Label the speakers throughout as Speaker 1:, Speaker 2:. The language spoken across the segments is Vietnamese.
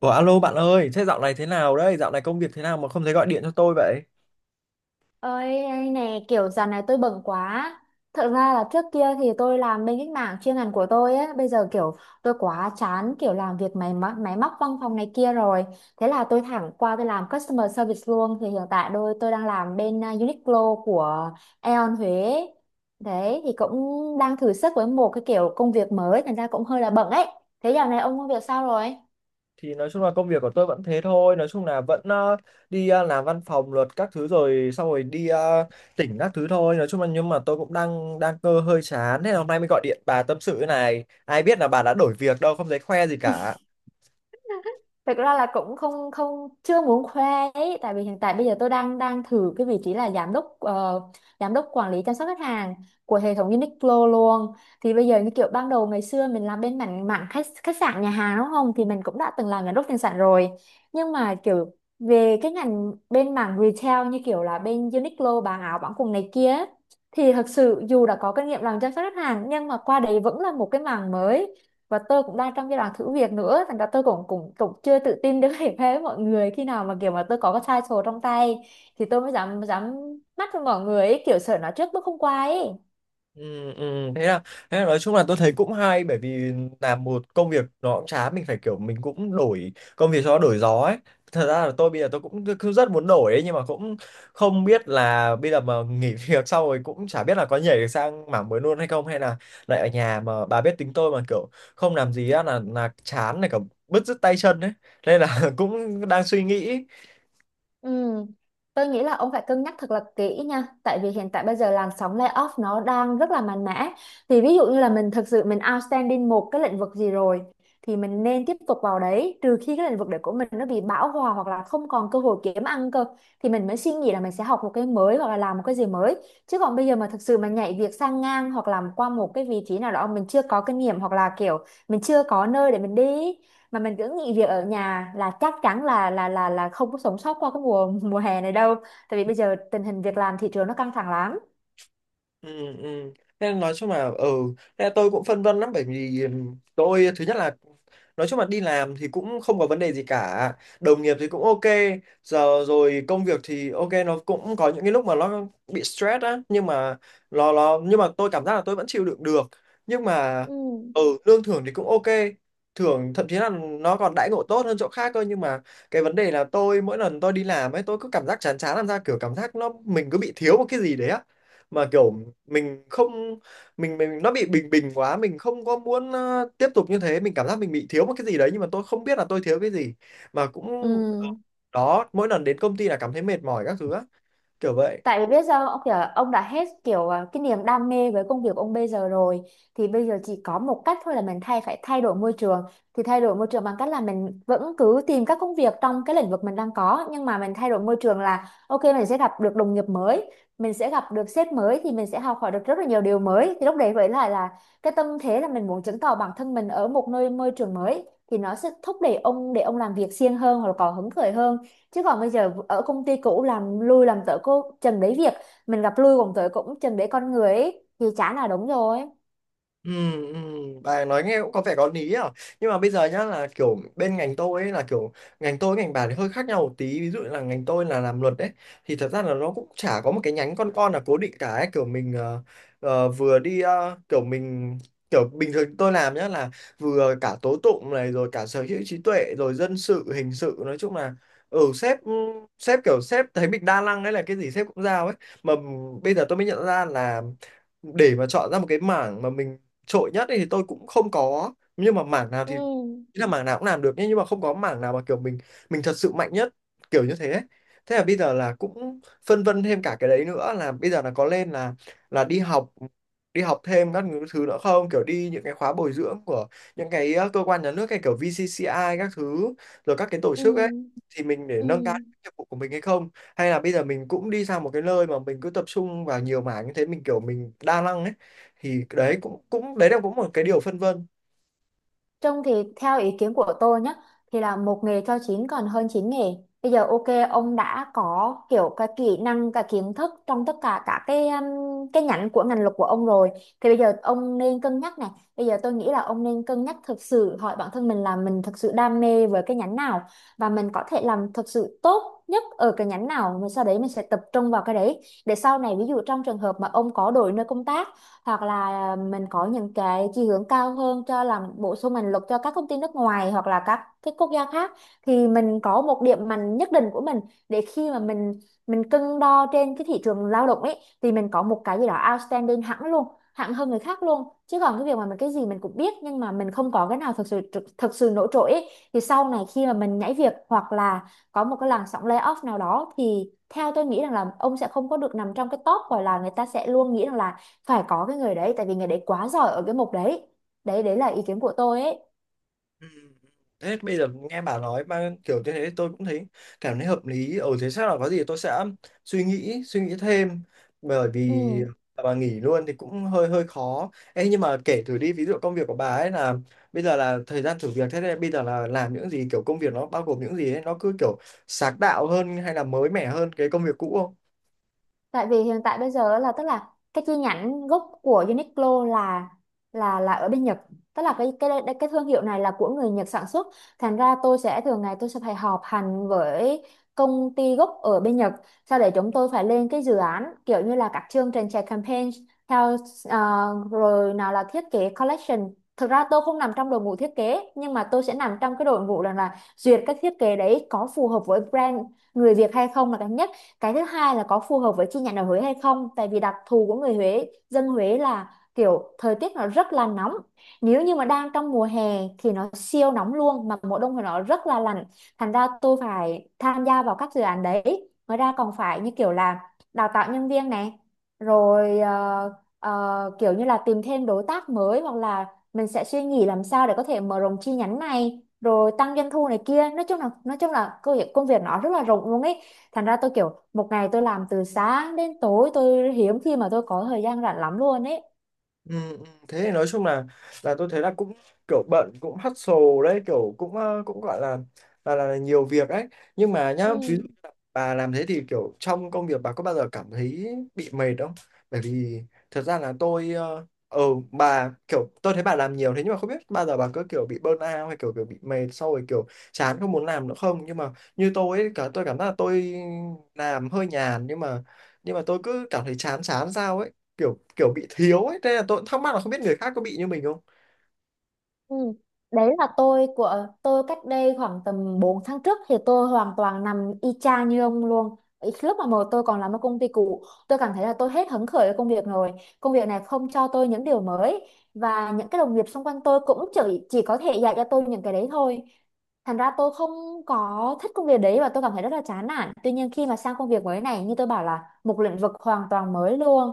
Speaker 1: Ủa, alo bạn ơi, thế dạo này thế nào đấy? Dạo này công việc thế nào mà không thấy gọi điện cho tôi vậy?
Speaker 2: Ơi anh này, kiểu dạo này tôi bận quá. Thật ra là trước kia thì tôi làm bên cái mảng chuyên ngành của tôi ấy. Bây giờ kiểu tôi quá chán kiểu làm việc máy móc văn phòng này kia rồi. Thế là tôi thẳng qua tôi làm customer service luôn. Thì hiện tại tôi đang làm bên Uniqlo của Aeon Huế. Đấy thì cũng đang thử sức với một cái kiểu công việc mới. Thành ra cũng hơi là bận ấy. Thế dạo này ông công việc sao rồi?
Speaker 1: Thì nói chung là công việc của tôi vẫn thế thôi, nói chung là vẫn đi làm văn phòng luật các thứ, rồi xong rồi đi tỉnh các thứ thôi. Nói chung là nhưng mà tôi cũng đang đang cơ hơi chán, thế là hôm nay mới gọi điện bà tâm sự thế này. Ai biết là bà đã đổi việc đâu, không thấy khoe gì cả.
Speaker 2: Thực ra là cũng không không chưa muốn khoe ấy, tại vì hiện tại bây giờ tôi đang đang thử cái vị trí là giám đốc, giám đốc quản lý chăm sóc khách hàng của hệ thống Uniqlo luôn. Thì bây giờ như kiểu ban đầu ngày xưa mình làm bên mảng mảng khách khách sạn nhà hàng đúng không, thì mình cũng đã từng làm giám đốc tiền sản rồi, nhưng mà kiểu về cái ngành bên mảng retail như kiểu là bên Uniqlo bán áo bán quần này kia ấy, thì thật sự dù đã có kinh nghiệm làm chăm sóc khách hàng nhưng mà qua đấy vẫn là một cái mảng mới, và tôi cũng đang trong giai đoạn thử việc nữa, thành ra tôi cũng cũng cũng chưa tự tin được để với mọi người. Khi nào mà kiểu mà tôi có cái title trong tay thì tôi mới dám dám mắt với mọi người ấy, kiểu sợ nói trước bước không qua ấy.
Speaker 1: Ừ, ừ. Thế là nói chung là tôi thấy cũng hay, bởi vì làm một công việc nó cũng chán, mình phải kiểu mình cũng đổi công việc cho nó đổi gió ấy. Thật ra là tôi bây giờ tôi cũng cứ rất muốn đổi ấy, nhưng mà cũng không biết là bây giờ mà nghỉ việc xong rồi cũng chả biết là có nhảy được sang mảng mới luôn hay không, hay là lại ở nhà. Mà bà biết tính tôi mà, kiểu không làm gì á là chán này cả, bứt rứt tay chân ấy, nên là cũng đang suy nghĩ.
Speaker 2: Ừ, tôi nghĩ là ông phải cân nhắc thật là kỹ nha, tại vì hiện tại bây giờ làn sóng layoff nó đang rất là mạnh mẽ. Thì ví dụ như là mình thực sự mình outstanding một cái lĩnh vực gì rồi thì mình nên tiếp tục vào đấy, trừ khi cái lĩnh vực đấy của mình nó bị bão hòa hoặc là không còn cơ hội kiếm ăn cơ, thì mình mới suy nghĩ là mình sẽ học một cái mới hoặc là làm một cái gì mới. Chứ còn bây giờ mà thực sự mà nhảy việc sang ngang hoặc làm qua một cái vị trí nào đó mình chưa có kinh nghiệm, hoặc là kiểu mình chưa có nơi để mình đi mà mình cứ nghỉ việc ở nhà, là chắc chắn là không có sống sót qua cái mùa mùa hè này đâu, tại vì bây giờ tình hình việc làm thị trường nó căng thẳng lắm.
Speaker 1: Ừ, ừ. Nên nói chung là ừ, nên là tôi cũng phân vân lắm, bởi vì tôi thứ nhất là nói chung là đi làm thì cũng không có vấn đề gì cả, đồng nghiệp thì cũng ok giờ rồi, công việc thì ok, nó cũng có những cái lúc mà nó bị stress á, nhưng mà nó nhưng mà tôi cảm giác là tôi vẫn chịu đựng được. Nhưng mà
Speaker 2: Ừ.
Speaker 1: ừ, lương thưởng thì cũng ok, thưởng thậm chí là nó còn đãi ngộ tốt hơn chỗ khác cơ. Nhưng mà cái vấn đề là tôi mỗi lần tôi đi làm ấy, tôi cứ cảm giác chán chán, làm ra kiểu cảm giác nó mình cứ bị thiếu một cái gì đấy á, mà kiểu mình không, mình nó bị bình bình quá, mình không có muốn tiếp tục như thế, mình cảm giác mình bị thiếu một cái gì đấy, nhưng mà tôi không biết là tôi thiếu cái gì. Mà cũng
Speaker 2: Ừ.
Speaker 1: đó, mỗi lần đến công ty là cảm thấy mệt mỏi các thứ á, kiểu vậy.
Speaker 2: Tại vì biết sao, ông kiểu ông đã hết kiểu, cái niềm đam mê với công việc ông bây giờ rồi, thì bây giờ chỉ có một cách thôi là mình phải thay đổi môi trường. Thì thay đổi môi trường bằng cách là mình vẫn cứ tìm các công việc trong cái lĩnh vực mình đang có, nhưng mà mình thay đổi môi trường, là ok mình sẽ gặp được đồng nghiệp mới, mình sẽ gặp được sếp mới, thì mình sẽ học hỏi được rất là nhiều điều mới. Thì lúc đấy với lại là cái tâm thế là mình muốn chứng tỏ bản thân mình ở một nơi môi trường mới, thì nó sẽ thúc đẩy ông để ông làm việc siêng hơn hoặc là có hứng khởi hơn. Chứ còn bây giờ ở công ty cũ làm lui làm tới cô chừng đấy việc, mình gặp lui còn tới cũng chừng đấy con người ấy, thì chả là đúng rồi.
Speaker 1: Ừ, ừ, bà nói nghe cũng có vẻ có lý à. Nhưng mà bây giờ nhá, là kiểu bên ngành tôi ấy, là kiểu ngành tôi với ngành bà thì hơi khác nhau một tí, ví dụ là ngành tôi là làm luật đấy, thì thật ra là nó cũng chả có một cái nhánh con là cố định cả ấy. Kiểu mình vừa đi kiểu bình thường tôi làm nhá là vừa cả tố tụng này rồi cả sở hữu trí tuệ rồi dân sự hình sự, nói chung là ừ, sếp sếp kiểu sếp thấy mình đa năng đấy, là cái gì sếp cũng giao ấy. Mà bây giờ tôi mới nhận ra là để mà chọn ra một cái mảng mà mình trội nhất ấy thì tôi cũng không có, nhưng mà mảng nào
Speaker 2: Ừ.
Speaker 1: thì ý là mảng nào cũng làm được nhé, nhưng mà không có mảng nào mà kiểu mình thật sự mạnh nhất, kiểu như thế ấy. Thế là bây giờ là cũng phân vân thêm cả cái đấy nữa, là bây giờ là có lên là đi học, đi học thêm các thứ nữa không, kiểu đi những cái khóa bồi dưỡng của những cái cơ quan nhà nước, hay kiểu VCCI các thứ, rồi các cái tổ
Speaker 2: Ừ.
Speaker 1: chức ấy, thì mình để
Speaker 2: Ừ.
Speaker 1: nâng cao nghiệp vụ của mình hay không. Hay là bây giờ mình cũng đi sang một cái nơi mà mình cứ tập trung vào nhiều mảng như thế, mình kiểu mình đa năng ấy. Thì đấy cũng cũng đấy là cũng một cái điều phân vân.
Speaker 2: Trông thì theo ý kiến của tôi nhé, thì là một nghề cho chín còn hơn chín nghề. Bây giờ ok ông đã có kiểu cái kỹ năng cái kiến thức trong tất cả các cái nhánh của ngành luật của ông rồi, thì bây giờ ông nên cân nhắc này. Bây giờ tôi nghĩ là ông nên cân nhắc thực sự hỏi bản thân mình là mình thực sự đam mê với cái nhánh nào, và mình có thể làm thực sự tốt nhất ở cái nhánh nào, mình sau đấy mình sẽ tập trung vào cái đấy. Để sau này ví dụ trong trường hợp mà ông có đổi nơi công tác, hoặc là mình có những cái chỉ hướng cao hơn cho làm bổ sung mình lực cho các công ty nước ngoài hoặc là các cái quốc gia khác, thì mình có một điểm mạnh nhất định của mình, để khi mà mình cân đo trên cái thị trường lao động ấy thì mình có một cái gì đó outstanding hẳn luôn, hẳn hơn người khác luôn. Chứ còn cái việc mà mình cái gì mình cũng biết nhưng mà mình không có cái nào thực sự nổi trội ấy, thì sau này khi mà mình nhảy việc hoặc là có một cái làn sóng layoff nào đó, thì theo tôi nghĩ rằng là ông sẽ không có được nằm trong cái top, gọi là người ta sẽ luôn nghĩ rằng là phải có cái người đấy tại vì người đấy quá giỏi ở cái mục đấy. Đấy là ý kiến của tôi ấy.
Speaker 1: Ừ. Thế bây giờ nghe bà nói mà kiểu như thế tôi cũng thấy cảm thấy hợp lý, ở thế chắc là có gì tôi sẽ suy nghĩ thêm, bởi vì
Speaker 2: Ừ.
Speaker 1: bà nghỉ luôn thì cũng hơi hơi khó. Ê, nhưng mà kể thử đi, ví dụ công việc của bà ấy là bây giờ là thời gian thử việc thế này, bây giờ là làm những gì, kiểu công việc nó bao gồm những gì ấy, nó cứ kiểu sáng tạo hơn hay là mới mẻ hơn cái công việc cũ không?
Speaker 2: Tại vì hiện tại bây giờ là tức là cái chi nhánh gốc của Uniqlo là ở bên Nhật. Tức là cái thương hiệu này là của người Nhật sản xuất. Thành ra tôi sẽ thường ngày tôi sẽ phải họp hành với công ty gốc ở bên Nhật. Sau để chúng tôi phải lên cái dự án kiểu như là các chương trình chạy campaign theo, ờ, rồi nào là thiết kế collection. Thực ra tôi không nằm trong đội ngũ thiết kế nhưng mà tôi sẽ nằm trong cái đội ngũ là duyệt các thiết kế đấy có phù hợp với brand người Việt hay không là cái nhất. Cái thứ hai là có phù hợp với chi nhánh ở Huế hay không, tại vì đặc thù của người Huế dân Huế là kiểu thời tiết nó rất là nóng, nếu như mà đang trong mùa hè thì nó siêu nóng luôn, mà mùa đông thì nó rất là lạnh. Thành ra tôi phải tham gia vào các dự án đấy, ngoài ra còn phải như kiểu là đào tạo nhân viên này, rồi kiểu như là tìm thêm đối tác mới, hoặc là mình sẽ suy nghĩ làm sao để có thể mở rộng chi nhánh này, rồi tăng doanh thu này kia. Nói chung là công việc nó rất là rộng luôn ấy. Thành ra tôi kiểu một ngày tôi làm từ sáng đến tối, tôi hiếm khi mà tôi có thời gian rảnh lắm luôn ấy.
Speaker 1: Ừ, ừ, thế thì nói chung là tôi thấy là cũng kiểu bận, cũng hustle đấy, kiểu cũng cũng gọi là là nhiều việc ấy. Nhưng mà nhá ví,
Speaker 2: Ừ.
Speaker 1: bà làm thế thì kiểu trong công việc bà có bao giờ cảm thấy bị mệt không? Bởi vì thật ra là tôi bà kiểu tôi thấy bà làm nhiều thế, nhưng mà không biết bao giờ bà có kiểu bị burnout hay kiểu kiểu bị mệt sau rồi kiểu chán không muốn làm nữa không? Nhưng mà như tôi ấy, cả tôi cảm giác là tôi làm hơi nhàn, nhưng mà tôi cứ cảm thấy chán chán sao ấy, kiểu kiểu bị thiếu ấy, thế là tôi cũng thắc mắc là không biết người khác có bị như mình không?
Speaker 2: Ừ. Đấy là tôi của tôi cách đây khoảng tầm 4 tháng trước thì tôi hoàn toàn nằm y chang như ông luôn. Ý, lúc mà tôi còn làm ở công ty cũ, tôi cảm thấy là tôi hết hứng khởi với công việc rồi. Công việc này không cho tôi những điều mới, và những cái đồng nghiệp xung quanh tôi cũng chỉ có thể dạy cho tôi những cái đấy thôi. Thành ra tôi không có thích công việc đấy và tôi cảm thấy rất là chán nản. Tuy nhiên khi mà sang công việc mới này, như tôi bảo là một lĩnh vực hoàn toàn mới luôn,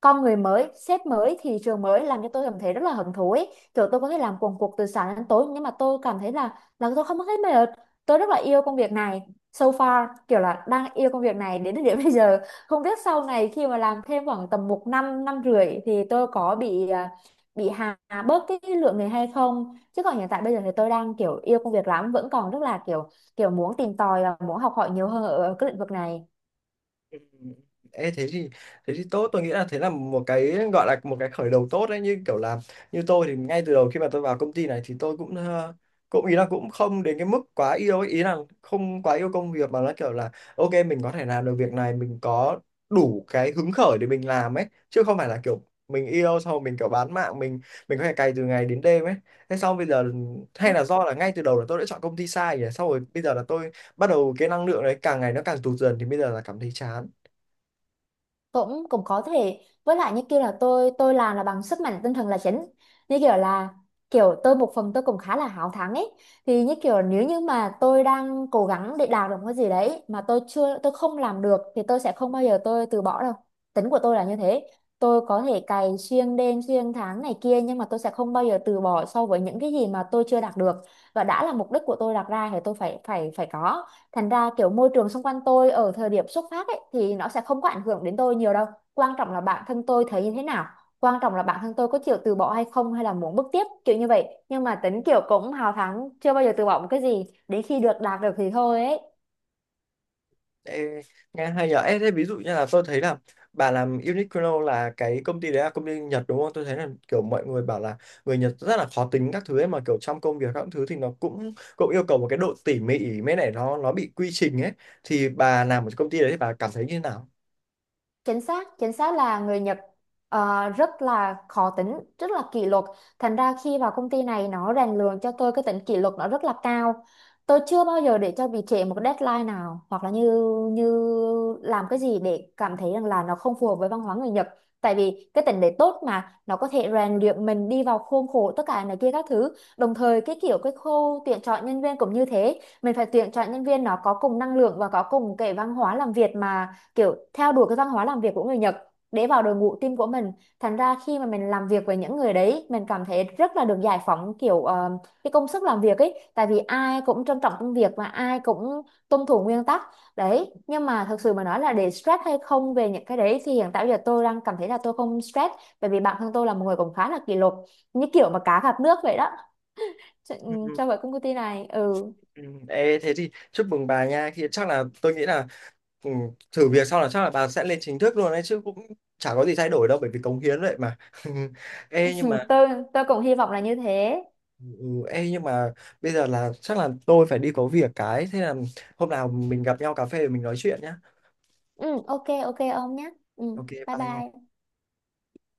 Speaker 2: con người mới, sếp mới, thị trường mới, làm cho tôi cảm thấy rất là hứng thú ấy. Kiểu tôi có thể làm cuồng cuộc từ sáng đến tối nhưng mà tôi cảm thấy là tôi không có thấy mệt. Tôi rất là yêu công việc này. So far kiểu là đang yêu công việc này đến thời điểm bây giờ. Không biết sau này khi mà làm thêm khoảng tầm 1 năm rưỡi thì tôi có bị, bị hà bớt cái lượng người hay không. Chứ còn hiện tại bây giờ thì tôi đang kiểu yêu công việc lắm, vẫn còn rất là kiểu kiểu muốn tìm tòi và muốn học hỏi nhiều hơn ở ở cái lĩnh vực này.
Speaker 1: Ừ. Ê, thế thì tốt, tôi nghĩ là thế là một cái gọi là một cái khởi đầu tốt đấy. Như kiểu là như tôi thì ngay từ đầu khi mà tôi vào công ty này thì tôi cũng cũng ý là cũng không đến cái mức quá yêu ấy. Ý là không quá yêu công việc, mà nó kiểu là ok mình có thể làm được việc này, mình có đủ cái hứng khởi để mình làm ấy, chứ không phải là kiểu mình yêu sau mình kiểu bán mạng, mình có thể cày từ ngày đến đêm ấy. Thế xong bây giờ, hay là do là ngay từ đầu là tôi đã chọn công ty sai nhỉ, xong rồi bây giờ là tôi bắt đầu cái năng lượng đấy càng ngày nó càng tụt dần, thì bây giờ là cảm thấy chán.
Speaker 2: Cũng Cũng có thể, với lại như kia là tôi làm là bằng sức mạnh tinh thần là chính, như kiểu là kiểu tôi một phần tôi cũng khá là háo thắng ấy. Thì như kiểu nếu như mà tôi đang cố gắng để đạt được một cái gì đấy mà tôi không làm được thì tôi sẽ không bao giờ tôi từ bỏ đâu. Tính của tôi là như thế. Tôi có thể cày xuyên đêm xuyên tháng này kia, nhưng mà tôi sẽ không bao giờ từ bỏ so với những cái gì mà tôi chưa đạt được, và đã là mục đích của tôi đặt ra thì tôi phải phải phải có. Thành ra kiểu môi trường xung quanh tôi ở thời điểm xuất phát ấy thì nó sẽ không có ảnh hưởng đến tôi nhiều đâu. Quan trọng là bản thân tôi thấy như thế nào, quan trọng là bản thân tôi có chịu từ bỏ hay không, hay là muốn bước tiếp kiểu như vậy. Nhưng mà tính kiểu cũng hào thắng, chưa bao giờ từ bỏ một cái gì đến khi được đạt được thì thôi ấy.
Speaker 1: Ê, nghe hay nhở. Ê, thế ví dụ như là tôi thấy là bà làm Uniqlo là cái công ty đấy là công ty Nhật đúng không, tôi thấy là kiểu mọi người bảo là người Nhật rất là khó tính các thứ ấy, mà kiểu trong công việc các thứ thì nó cũng cũng yêu cầu một cái độ tỉ mỉ mấy này, nó bị quy trình ấy, thì bà làm ở công ty đấy thì bà cảm thấy như thế nào?
Speaker 2: Chính xác là người Nhật rất là khó tính, rất là kỷ luật. Thành ra khi vào công ty này nó rèn luyện cho tôi cái tính kỷ luật nó rất là cao. Tôi chưa bao giờ để cho bị trễ một cái deadline nào, hoặc là như như làm cái gì để cảm thấy rằng là nó không phù hợp với văn hóa người Nhật. Tại vì cái tính đấy tốt mà, nó có thể rèn luyện mình đi vào khuôn khổ tất cả này kia các thứ. Đồng thời cái kiểu cái khâu tuyển chọn nhân viên cũng như thế, mình phải tuyển chọn nhân viên nó có cùng năng lượng và có cùng cái văn hóa làm việc mà, kiểu theo đuổi cái văn hóa làm việc của người Nhật để vào đội ngũ team của mình. Thành ra khi mà mình làm việc với những người đấy, mình cảm thấy rất là được giải phóng kiểu, cái công sức làm việc ấy, tại vì ai cũng trân trọng công việc và ai cũng tuân thủ nguyên tắc đấy. Nhưng mà thật sự mà nói là để stress hay không về những cái đấy thì hiện tại bây giờ tôi đang cảm thấy là tôi không stress, bởi vì bản thân tôi là một người cũng khá là kỷ luật, như kiểu mà cá gặp nước vậy đó, cho, ừ, cho vậy công ty này. Ừ.
Speaker 1: Ừ, ê, thế thì chúc mừng bà nha, thì chắc là tôi nghĩ là ừ, thử việc xong là chắc là bà sẽ lên chính thức luôn đấy chứ, cũng chả có gì thay đổi đâu, bởi vì cống hiến vậy mà. Ê, nhưng mà
Speaker 2: tôi tôi cũng hy vọng là như thế.
Speaker 1: ừ, ê, nhưng mà bây giờ là chắc là tôi phải đi có việc cái, thế là hôm nào mình gặp nhau cà phê để mình nói chuyện nhá.
Speaker 2: Ừ, ok ok ông nhé. Ừ,
Speaker 1: Ok,
Speaker 2: bye
Speaker 1: bye nha.
Speaker 2: bye.